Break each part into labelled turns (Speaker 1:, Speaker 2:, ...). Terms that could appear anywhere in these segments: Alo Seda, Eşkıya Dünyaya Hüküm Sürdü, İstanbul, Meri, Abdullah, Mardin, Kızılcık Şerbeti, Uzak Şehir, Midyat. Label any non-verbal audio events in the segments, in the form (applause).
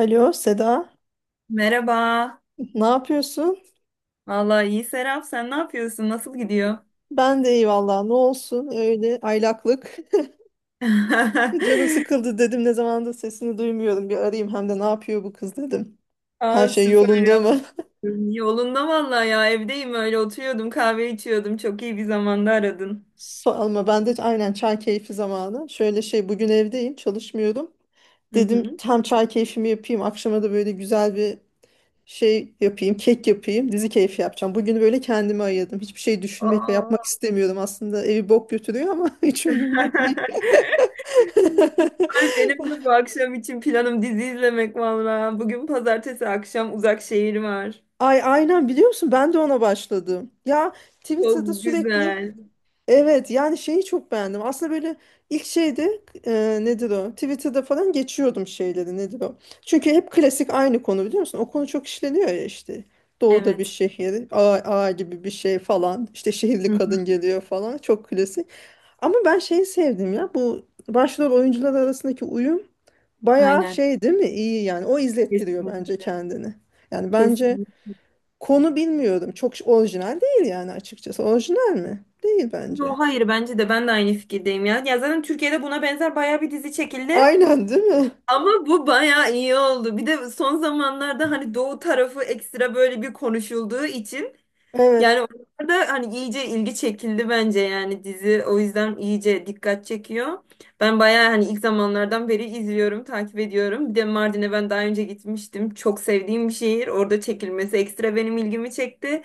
Speaker 1: Alo Seda,
Speaker 2: Merhaba.
Speaker 1: ne yapıyorsun?
Speaker 2: Vallahi iyi Serap. Sen ne yapıyorsun? Nasıl gidiyor?
Speaker 1: Ben de iyi vallahi ne olsun öyle aylaklık. (laughs) Canım
Speaker 2: (laughs)
Speaker 1: sıkıldı dedim ne zamandır sesini duymuyorum bir arayayım hem de ne yapıyor bu kız dedim. Her
Speaker 2: Aa,
Speaker 1: şey
Speaker 2: süper
Speaker 1: yolunda mı? (laughs)
Speaker 2: yaptın. Yolunda vallahi ya. Evdeyim öyle oturuyordum. Kahve içiyordum. Çok iyi bir zamanda aradın.
Speaker 1: Sorma ben de aynen çay keyfi zamanı. Şöyle şey bugün evdeyim çalışmıyorum.
Speaker 2: Hı
Speaker 1: Dedim
Speaker 2: hı.
Speaker 1: hem çay keyfimi yapayım akşama da böyle güzel bir şey yapayım, kek yapayım, dizi keyfi yapacağım. Bugünü böyle kendime ayırdım. Hiçbir şey düşünmek ve yapmak
Speaker 2: Aa.
Speaker 1: istemiyorum. Aslında evi bok götürüyor ama (laughs) hiç umurumda değil. (laughs)
Speaker 2: (laughs) Ay, benim de bu akşam için planım dizi izlemek vallahi. Bugün pazartesi akşam Uzak Şehir var.
Speaker 1: Ay aynen biliyor musun? Ben de ona başladım. Ya Twitter'da
Speaker 2: Çok
Speaker 1: sürekli.
Speaker 2: güzel.
Speaker 1: Evet, yani şeyi çok beğendim. Aslında böyle ilk şeyde nedir o? Twitter'da falan geçiyordum şeyleri nedir o? Çünkü hep klasik aynı konu biliyor musun? O konu çok işleniyor ya işte. Doğuda bir
Speaker 2: Evet.
Speaker 1: şehir, ağa, ağa gibi bir şey falan. İşte şehirli
Speaker 2: Hı hı.
Speaker 1: kadın geliyor falan. Çok klasik. Ama ben şeyi sevdim ya. Bu başrol oyuncular arasındaki uyum bayağı
Speaker 2: Aynen.
Speaker 1: şey değil mi? İyi yani. O izlettiriyor bence
Speaker 2: Kesinlikle.
Speaker 1: kendini. Yani bence
Speaker 2: Kesinlikle.
Speaker 1: konu bilmiyorum. Çok orijinal değil yani açıkçası. Orijinal mi? Değil
Speaker 2: Yo,
Speaker 1: bence.
Speaker 2: hayır bence de ben de aynı fikirdeyim ya. Ya zaten Türkiye'de buna benzer baya bir dizi çekildi.
Speaker 1: Aynen değil mi?
Speaker 2: Ama bu baya iyi oldu. Bir de son zamanlarda hani Doğu tarafı ekstra böyle bir konuşulduğu için
Speaker 1: Evet.
Speaker 2: yani orada hani iyice ilgi çekildi bence, yani dizi o yüzden iyice dikkat çekiyor. Ben bayağı hani ilk zamanlardan beri izliyorum, takip ediyorum. Bir de Mardin'e ben daha önce gitmiştim. Çok sevdiğim bir şehir. Orada çekilmesi ekstra benim ilgimi çekti.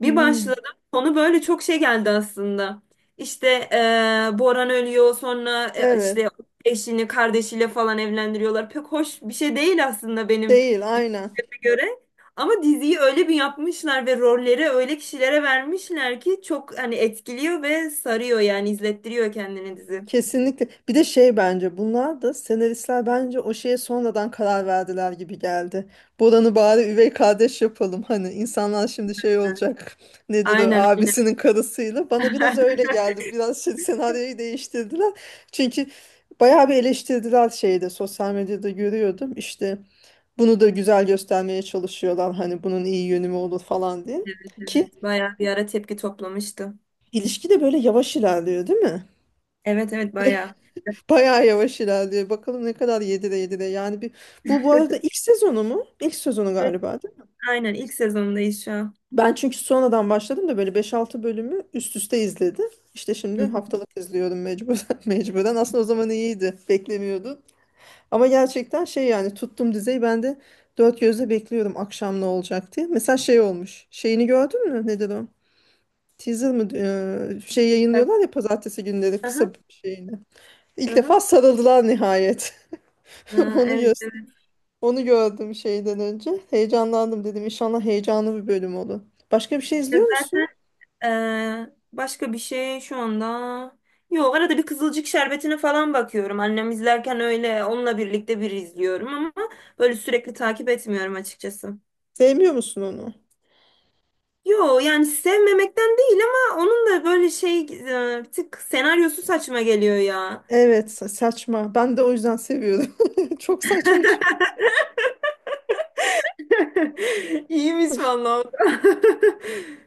Speaker 2: Bir
Speaker 1: Hmm.
Speaker 2: başladım. Konu böyle çok şey geldi aslında. İşte Boran ölüyor, sonra
Speaker 1: Evet.
Speaker 2: işte eşini kardeşiyle falan evlendiriyorlar. Pek hoş bir şey değil aslında benim
Speaker 1: Değil aynen.
Speaker 2: düşünceme göre. Ama diziyi öyle bir yapmışlar ve rolleri öyle kişilere vermişler ki çok hani etkiliyor ve sarıyor, yani izlettiriyor kendini dizi.
Speaker 1: Kesinlikle. Bir de şey bence bunlar da senaristler bence o şeye sonradan karar verdiler gibi geldi. Boran'ı bari üvey kardeş yapalım. Hani insanlar şimdi şey olacak. (laughs) Nedir o
Speaker 2: Aynen, aynen.
Speaker 1: abisinin karısıyla. Bana biraz öyle
Speaker 2: (laughs)
Speaker 1: geldi. Biraz şey, senaryoyu değiştirdiler. Çünkü bayağı bir eleştirdiler şeyde sosyal medyada görüyordum. İşte bunu da güzel göstermeye çalışıyorlar. Hani bunun iyi yönü mü olur falan diye.
Speaker 2: Evet,
Speaker 1: Ki
Speaker 2: evet. Bayağı bir ara tepki toplamıştı.
Speaker 1: İlişki de böyle yavaş ilerliyor değil mi?
Speaker 2: Evet evet bayağı.
Speaker 1: Bayağı yavaş ilerliyor. Bakalım ne kadar yedire yedire. Yani bu arada ilk
Speaker 2: (laughs)
Speaker 1: sezonu mu? İlk sezonu
Speaker 2: Evet,
Speaker 1: galiba değil mi?
Speaker 2: aynen ilk sezondayız şu an.
Speaker 1: Ben çünkü sonradan başladım da böyle beş altı bölümü üst üste izledim. İşte şimdi
Speaker 2: (laughs)
Speaker 1: haftalık izliyorum mecburen. (laughs) Mecburen. Aslında o zaman iyiydi. Beklemiyordum. Ama gerçekten şey yani tuttum dizeyi ben de dört gözle bekliyorum akşam ne olacak diye. Mesela şey olmuş. Şeyini gördün mü? Nedir o? Teaser mı? Şey yayınlıyorlar ya pazartesi günleri
Speaker 2: Aha,
Speaker 1: kısa bir şeyini. İlk
Speaker 2: aha.
Speaker 1: defa sarıldılar nihayet. (laughs)
Speaker 2: Aa,
Speaker 1: Onu
Speaker 2: evet
Speaker 1: gö-
Speaker 2: evet.
Speaker 1: onu gördüm şeyden önce. Heyecanlandım dedim. İnşallah heyecanlı bir bölüm olur. Başka bir şey izliyor musun?
Speaker 2: Zaten Ee, başka bir şey şu anda. Yok, arada bir Kızılcık Şerbeti'ne falan bakıyorum. Annem izlerken öyle onunla birlikte bir izliyorum ama böyle sürekli takip etmiyorum açıkçası.
Speaker 1: Sevmiyor musun onu?
Speaker 2: Yo, yani sevmemekten değil ama onun da böyle şey bir tık senaryosu saçma geliyor ya.
Speaker 1: Evet, saçma. Ben de o yüzden seviyorum. (laughs) Çok saçma.
Speaker 2: (laughs) İyiymiş vallahi. O da. (laughs)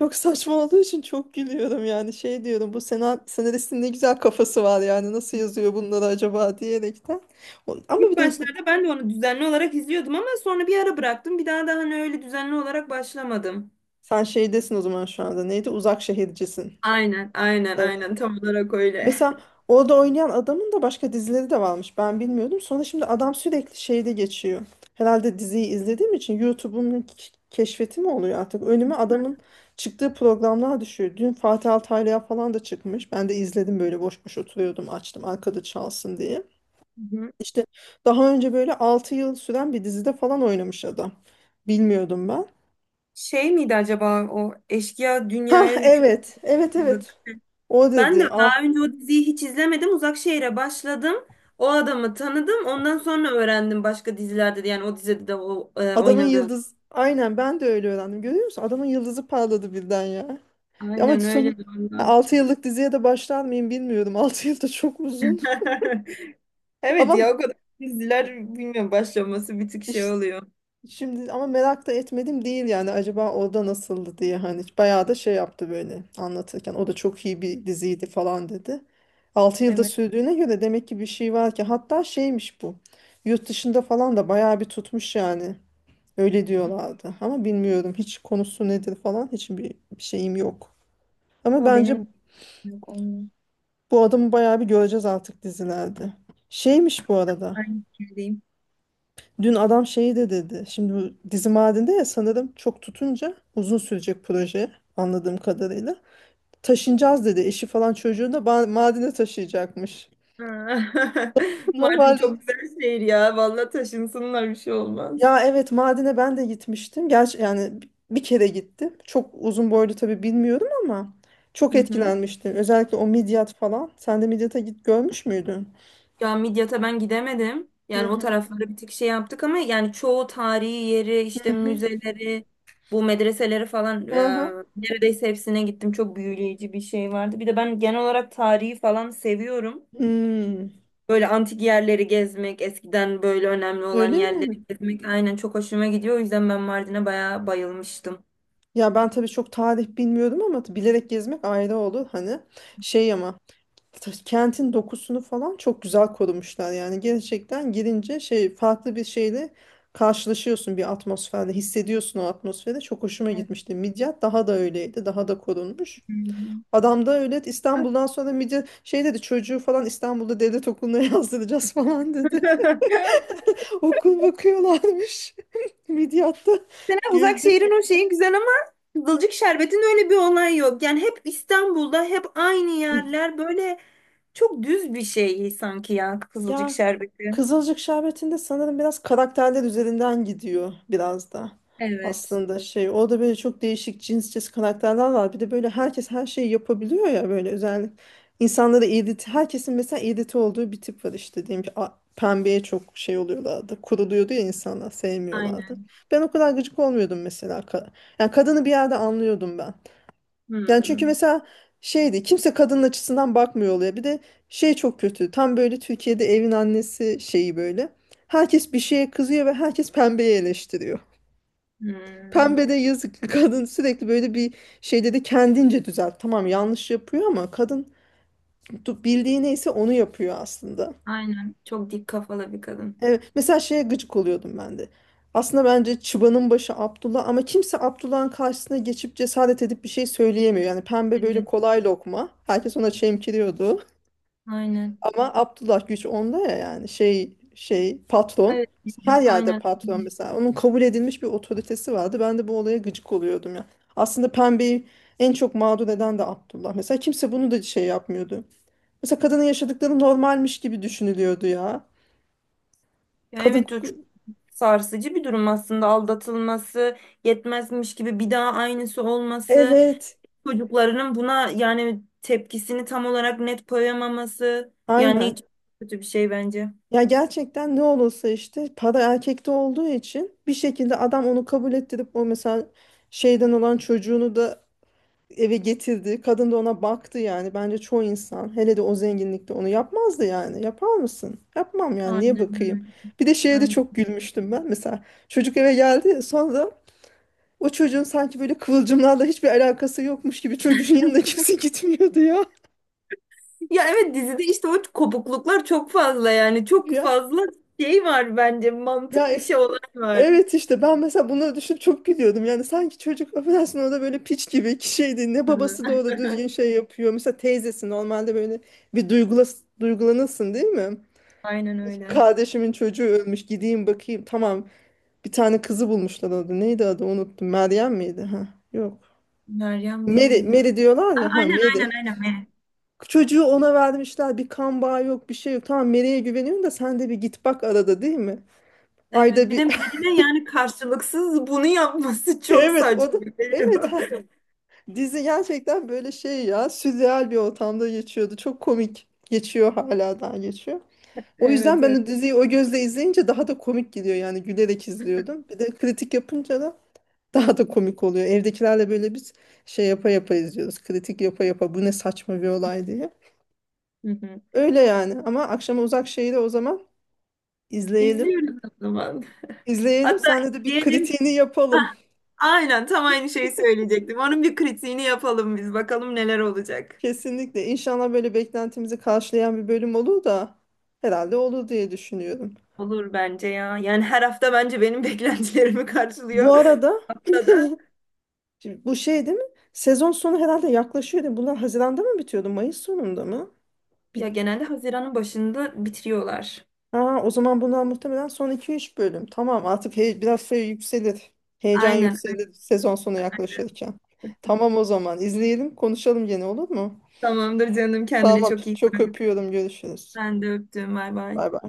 Speaker 1: Çok saçma olduğu için çok gülüyorum yani. Şey diyorum bu senaristin ne güzel kafası var yani. Nasıl yazıyor bunları acaba diyerekten. Ama
Speaker 2: İlk
Speaker 1: bir de
Speaker 2: başlarda ben de onu düzenli olarak izliyordum ama sonra bir ara bıraktım. Bir daha da hani öyle düzenli olarak başlamadım.
Speaker 1: sen şeydesin o zaman şu anda. Neydi? Uzak şehircisin.
Speaker 2: Aynen, aynen, aynen. Tam olarak öyle.
Speaker 1: Mesela orada oynayan adamın da başka dizileri de varmış. Ben bilmiyordum. Sonra şimdi adam sürekli şeyde geçiyor. Herhalde diziyi izlediğim için YouTube'un keşfeti mi oluyor artık? Önüme adamın çıktığı programlar düşüyor. Dün Fatih Altaylı'ya falan da çıkmış. Ben de izledim böyle boş boş oturuyordum açtım arkada çalsın diye.
Speaker 2: Hı hı.
Speaker 1: İşte daha önce böyle 6 yıl süren bir dizide falan oynamış adam. Bilmiyordum ben.
Speaker 2: Şey miydi acaba o eşkıya
Speaker 1: Ha
Speaker 2: dünyaya hüküm
Speaker 1: evet. Evet
Speaker 2: sürdü?
Speaker 1: evet. O
Speaker 2: Ben de
Speaker 1: dedi. Ah,
Speaker 2: daha önce o diziyi hiç izlemedim. Uzak Şehir'e başladım. O adamı tanıdım. Ondan sonra öğrendim başka dizilerde de, yani o dizide de
Speaker 1: adamın
Speaker 2: oynadığını.
Speaker 1: yıldız. Aynen ben de öyle öğrendim. Görüyor musun? Adamın yıldızı parladı birden ya. Ama
Speaker 2: Aynen
Speaker 1: son
Speaker 2: öyle valla.
Speaker 1: 6 yıllık diziye de başlar mıyım bilmiyorum. (laughs) 6 yıl da çok uzun. (laughs)
Speaker 2: (laughs) Evet
Speaker 1: Ama
Speaker 2: ya, o kadar diziler bilmiyorum, başlaması bir tık şey
Speaker 1: iş-
Speaker 2: oluyor.
Speaker 1: şimdi ama merak da etmedim değil yani acaba orada nasıldı diye hani bayağı da şey yaptı böyle anlatırken. O da çok iyi bir diziydi falan dedi. 6 yılda
Speaker 2: Evet.
Speaker 1: sürdüğüne göre demek ki bir şey var ki hatta şeymiş bu. Yurt dışında falan da bayağı bir tutmuş yani. Öyle diyorlardı ama bilmiyorum hiç konusu nedir falan hiçbir bir şeyim yok. Ama
Speaker 2: O
Speaker 1: bence
Speaker 2: benim yok olmuyor.
Speaker 1: bu adamı bayağı bir göreceğiz artık dizilerde. Şeymiş bu arada.
Speaker 2: Aynı fikirdeyim.
Speaker 1: Dün adam şeyi de dedi. Şimdi bu dizi madinde ya sanırım çok tutunca uzun sürecek proje anladığım kadarıyla. Taşınacağız dedi. Eşi falan çocuğunu da madine taşıyacakmış.
Speaker 2: Ha.
Speaker 1: (laughs)
Speaker 2: (laughs) Mardin
Speaker 1: Normalde
Speaker 2: çok güzel şehir ya. Vallahi taşınsınlar, bir şey olmaz.
Speaker 1: ya evet Mardin'e ben de gitmiştim. Gerçi yani bir kere gittim. Çok uzun boylu tabii bilmiyorum ama çok
Speaker 2: Hı hı.
Speaker 1: etkilenmiştim. Özellikle o Midyat falan. Sen de Midyat'a git görmüş müydün?
Speaker 2: Ya Midyat'a ben gidemedim.
Speaker 1: Hı
Speaker 2: Yani o
Speaker 1: hı.
Speaker 2: tarafları bir tık şey yaptık ama yani çoğu tarihi yeri, işte müzeleri, bu medreseleri falan,
Speaker 1: Aha.
Speaker 2: neredeyse hepsine gittim. Çok büyüleyici bir şey vardı. Bir de ben genel olarak tarihi falan seviyorum.
Speaker 1: Hmm.
Speaker 2: Böyle antik yerleri gezmek, eskiden böyle önemli olan
Speaker 1: Öyle mi?
Speaker 2: yerleri gezmek aynen çok hoşuma gidiyor. O yüzden ben Mardin'e bayağı bayılmıştım.
Speaker 1: Ya ben tabii çok tarih bilmiyordum ama bilerek gezmek ayrı olur hani. Şey ama kentin dokusunu falan çok güzel korumuşlar. Yani gerçekten girince şey farklı bir şeyle karşılaşıyorsun bir atmosferle hissediyorsun o atmosferi. Çok hoşuma gitmişti. Midyat daha da öyleydi. Daha da korunmuş. Adam da öyle İstanbul'dan sonra Midyat şey dedi çocuğu falan İstanbul'da devlet okuluna (laughs) yazdıracağız falan dedi.
Speaker 2: (laughs)
Speaker 1: (laughs) Okul bakıyorlarmış. (laughs) Midyatta
Speaker 2: Mesela
Speaker 1: güldüm.
Speaker 2: Uzakşehir'in o şeyi güzel ama Kızılcık Şerbet'in öyle bir olay yok. Yani hep İstanbul'da hep aynı yerler, böyle çok düz bir şey sanki ya Kızılcık
Speaker 1: Ya
Speaker 2: Şerbeti.
Speaker 1: Kızılcık Şerbeti'nde sanırım biraz karakterler üzerinden gidiyor biraz da
Speaker 2: Evet.
Speaker 1: aslında şey. Orada böyle çok değişik cinsçesi karakterler var. Bir de böyle herkes her şeyi yapabiliyor ya böyle özellikle insanları irite, herkesin mesela irite olduğu bir tip var işte diyelim ki pembeye çok şey oluyorlardı. Kuruluyordu ya insanlar sevmiyorlardı.
Speaker 2: Aynen.
Speaker 1: Ben o kadar gıcık olmuyordum mesela. Yani kadını bir yerde anlıyordum ben. Yani çünkü
Speaker 2: Hmm.
Speaker 1: mesela şeydi kimse kadının açısından bakmıyor oluyor. Bir de şey çok kötü. Tam böyle Türkiye'de evin annesi şeyi böyle. Herkes bir şeye kızıyor ve herkes pembeyi eleştiriyor. (laughs)
Speaker 2: Hmm.
Speaker 1: Pembe de yazık (laughs) kadın sürekli böyle bir şeyde de kendince düzelt. Tamam yanlış yapıyor ama kadın bildiği neyse onu yapıyor aslında.
Speaker 2: Aynen. Çok dik kafalı bir kadın.
Speaker 1: Evet, mesela şeye gıcık oluyordum ben de. Aslında bence çıbanın başı Abdullah ama kimse Abdullah'ın karşısına geçip cesaret edip bir şey söyleyemiyor. Yani pembe böyle
Speaker 2: Evet.
Speaker 1: kolay lokma. Herkes ona çemkiriyordu.
Speaker 2: Aynen.
Speaker 1: Ama Abdullah güç onda ya yani şey şey patron.
Speaker 2: Evet.
Speaker 1: Her yerde
Speaker 2: Aynen.
Speaker 1: patron mesela. Onun kabul edilmiş bir otoritesi vardı. Ben de bu olaya gıcık oluyordum ya. Aslında pembeyi en çok mağdur eden de Abdullah. Mesela kimse bunu da şey yapmıyordu. Mesela kadının yaşadıkları normalmiş gibi düşünülüyordu ya.
Speaker 2: Ya
Speaker 1: Kadın,
Speaker 2: evet, o çok sarsıcı bir durum aslında, aldatılması, yetmezmiş gibi bir daha aynısı olması,
Speaker 1: evet,
Speaker 2: çocuklarının buna yani tepkisini tam olarak net koyamaması, yani
Speaker 1: aynen.
Speaker 2: hiç kötü bir şey bence.
Speaker 1: Ya gerçekten ne olursa işte para erkekte olduğu için bir şekilde adam onu kabul ettirip o mesela şeyden olan çocuğunu da eve getirdi. Kadın da ona baktı yani. Bence çoğu insan hele de o zenginlikte onu yapmazdı yani. Yapar mısın? Yapmam yani. Niye bakayım?
Speaker 2: Aynen
Speaker 1: Bir de
Speaker 2: öyle.
Speaker 1: şeye de
Speaker 2: Aynen.
Speaker 1: çok gülmüştüm ben. Mesela çocuk eve geldi. Sonra o çocuğun sanki böyle kıvılcımlarla hiçbir alakası yokmuş gibi çocuğun yanına (laughs) kimse gitmiyordu ya.
Speaker 2: Ya evet, dizide işte o kopukluklar çok fazla, yani çok
Speaker 1: Ya
Speaker 2: fazla şey var bence,
Speaker 1: ya
Speaker 2: mantık dışı olay var.
Speaker 1: evet işte ben mesela bunları düşünüp çok gülüyordum. Yani sanki çocuk affedersin orada böyle piç gibi ki şeydi. Ne
Speaker 2: Hı.
Speaker 1: babası da orada düzgün
Speaker 2: (laughs)
Speaker 1: şey yapıyor. Mesela teyzesi normalde böyle bir duygulanırsın değil mi?
Speaker 2: Aynen öyle.
Speaker 1: Kardeşimin çocuğu ölmüş. Gideyim bakayım. Tamam. Bir tane kızı bulmuşlar orada. Neydi adı? Unuttum. Meryem miydi? Ha, yok.
Speaker 2: Meryem değil
Speaker 1: Meri,
Speaker 2: ya.
Speaker 1: Meri diyorlar
Speaker 2: A-
Speaker 1: ya. Ha,
Speaker 2: Aynen aynen
Speaker 1: Meri.
Speaker 2: aynen Meryem.
Speaker 1: Çocuğu ona vermişler. Bir kan bağı yok, bir şey yok. Tamam Meri'ye güveniyorum da sen de bir git bak arada değil mi?
Speaker 2: Evet,
Speaker 1: Ayda
Speaker 2: bir
Speaker 1: bir.
Speaker 2: de
Speaker 1: (laughs)
Speaker 2: birine yani karşılıksız bunu yapması (laughs) çok
Speaker 1: Evet o da.
Speaker 2: saçma
Speaker 1: Evet.
Speaker 2: geliyor.
Speaker 1: Ha.
Speaker 2: (laughs)
Speaker 1: Dizi gerçekten böyle şey ya. Sürreal bir ortamda geçiyordu. Çok komik. Geçiyor hala daha geçiyor. O yüzden
Speaker 2: Evet
Speaker 1: ben
Speaker 2: evet.
Speaker 1: o diziyi o gözle izleyince daha da komik geliyor yani gülerek izliyordum. Bir de kritik yapınca da (laughs) daha da komik oluyor. Evdekilerle böyle biz şey yapa yapa izliyoruz. Kritik yapa yapa bu ne saçma bir olay diye.
Speaker 2: Hı hı.
Speaker 1: Öyle yani ama akşama uzak şeyi de o zaman izleyelim.
Speaker 2: İzliyoruz o zaman.
Speaker 1: İzleyelim
Speaker 2: Hatta
Speaker 1: senle de bir
Speaker 2: izleyelim.
Speaker 1: kritiğini
Speaker 2: (laughs) A-
Speaker 1: yapalım.
Speaker 2: Aynen, tam aynı şeyi söyleyecektim. Onun bir kritiğini yapalım biz. Bakalım neler olacak.
Speaker 1: Kesinlikle. İnşallah böyle beklentimizi karşılayan bir bölüm olur da herhalde olur diye düşünüyorum.
Speaker 2: Olur bence ya. Yani her hafta bence benim (laughs) beklentilerimi
Speaker 1: Bu
Speaker 2: karşılıyor.
Speaker 1: arada
Speaker 2: Hatta da
Speaker 1: şimdi bu şey değil mi? Sezon sonu herhalde yaklaşıyor değil mi? Bunlar Haziran'da mı bitiyordu? Mayıs sonunda mı?
Speaker 2: ya genelde Haziran'ın başında bitiriyorlar.
Speaker 1: Aa, o zaman bundan muhtemelen son iki üç bölüm. Tamam artık biraz şey yükselir. Heyecan
Speaker 2: Aynen.
Speaker 1: yükselir sezon sonu yaklaşırken. Tamam o zaman izleyelim konuşalım gene olur mu?
Speaker 2: Tamamdır canım, kendine
Speaker 1: Tamam
Speaker 2: çok iyi
Speaker 1: çok
Speaker 2: bak.
Speaker 1: öpüyorum görüşürüz.
Speaker 2: Ben de öptüm. Bay bay.
Speaker 1: Bay bay.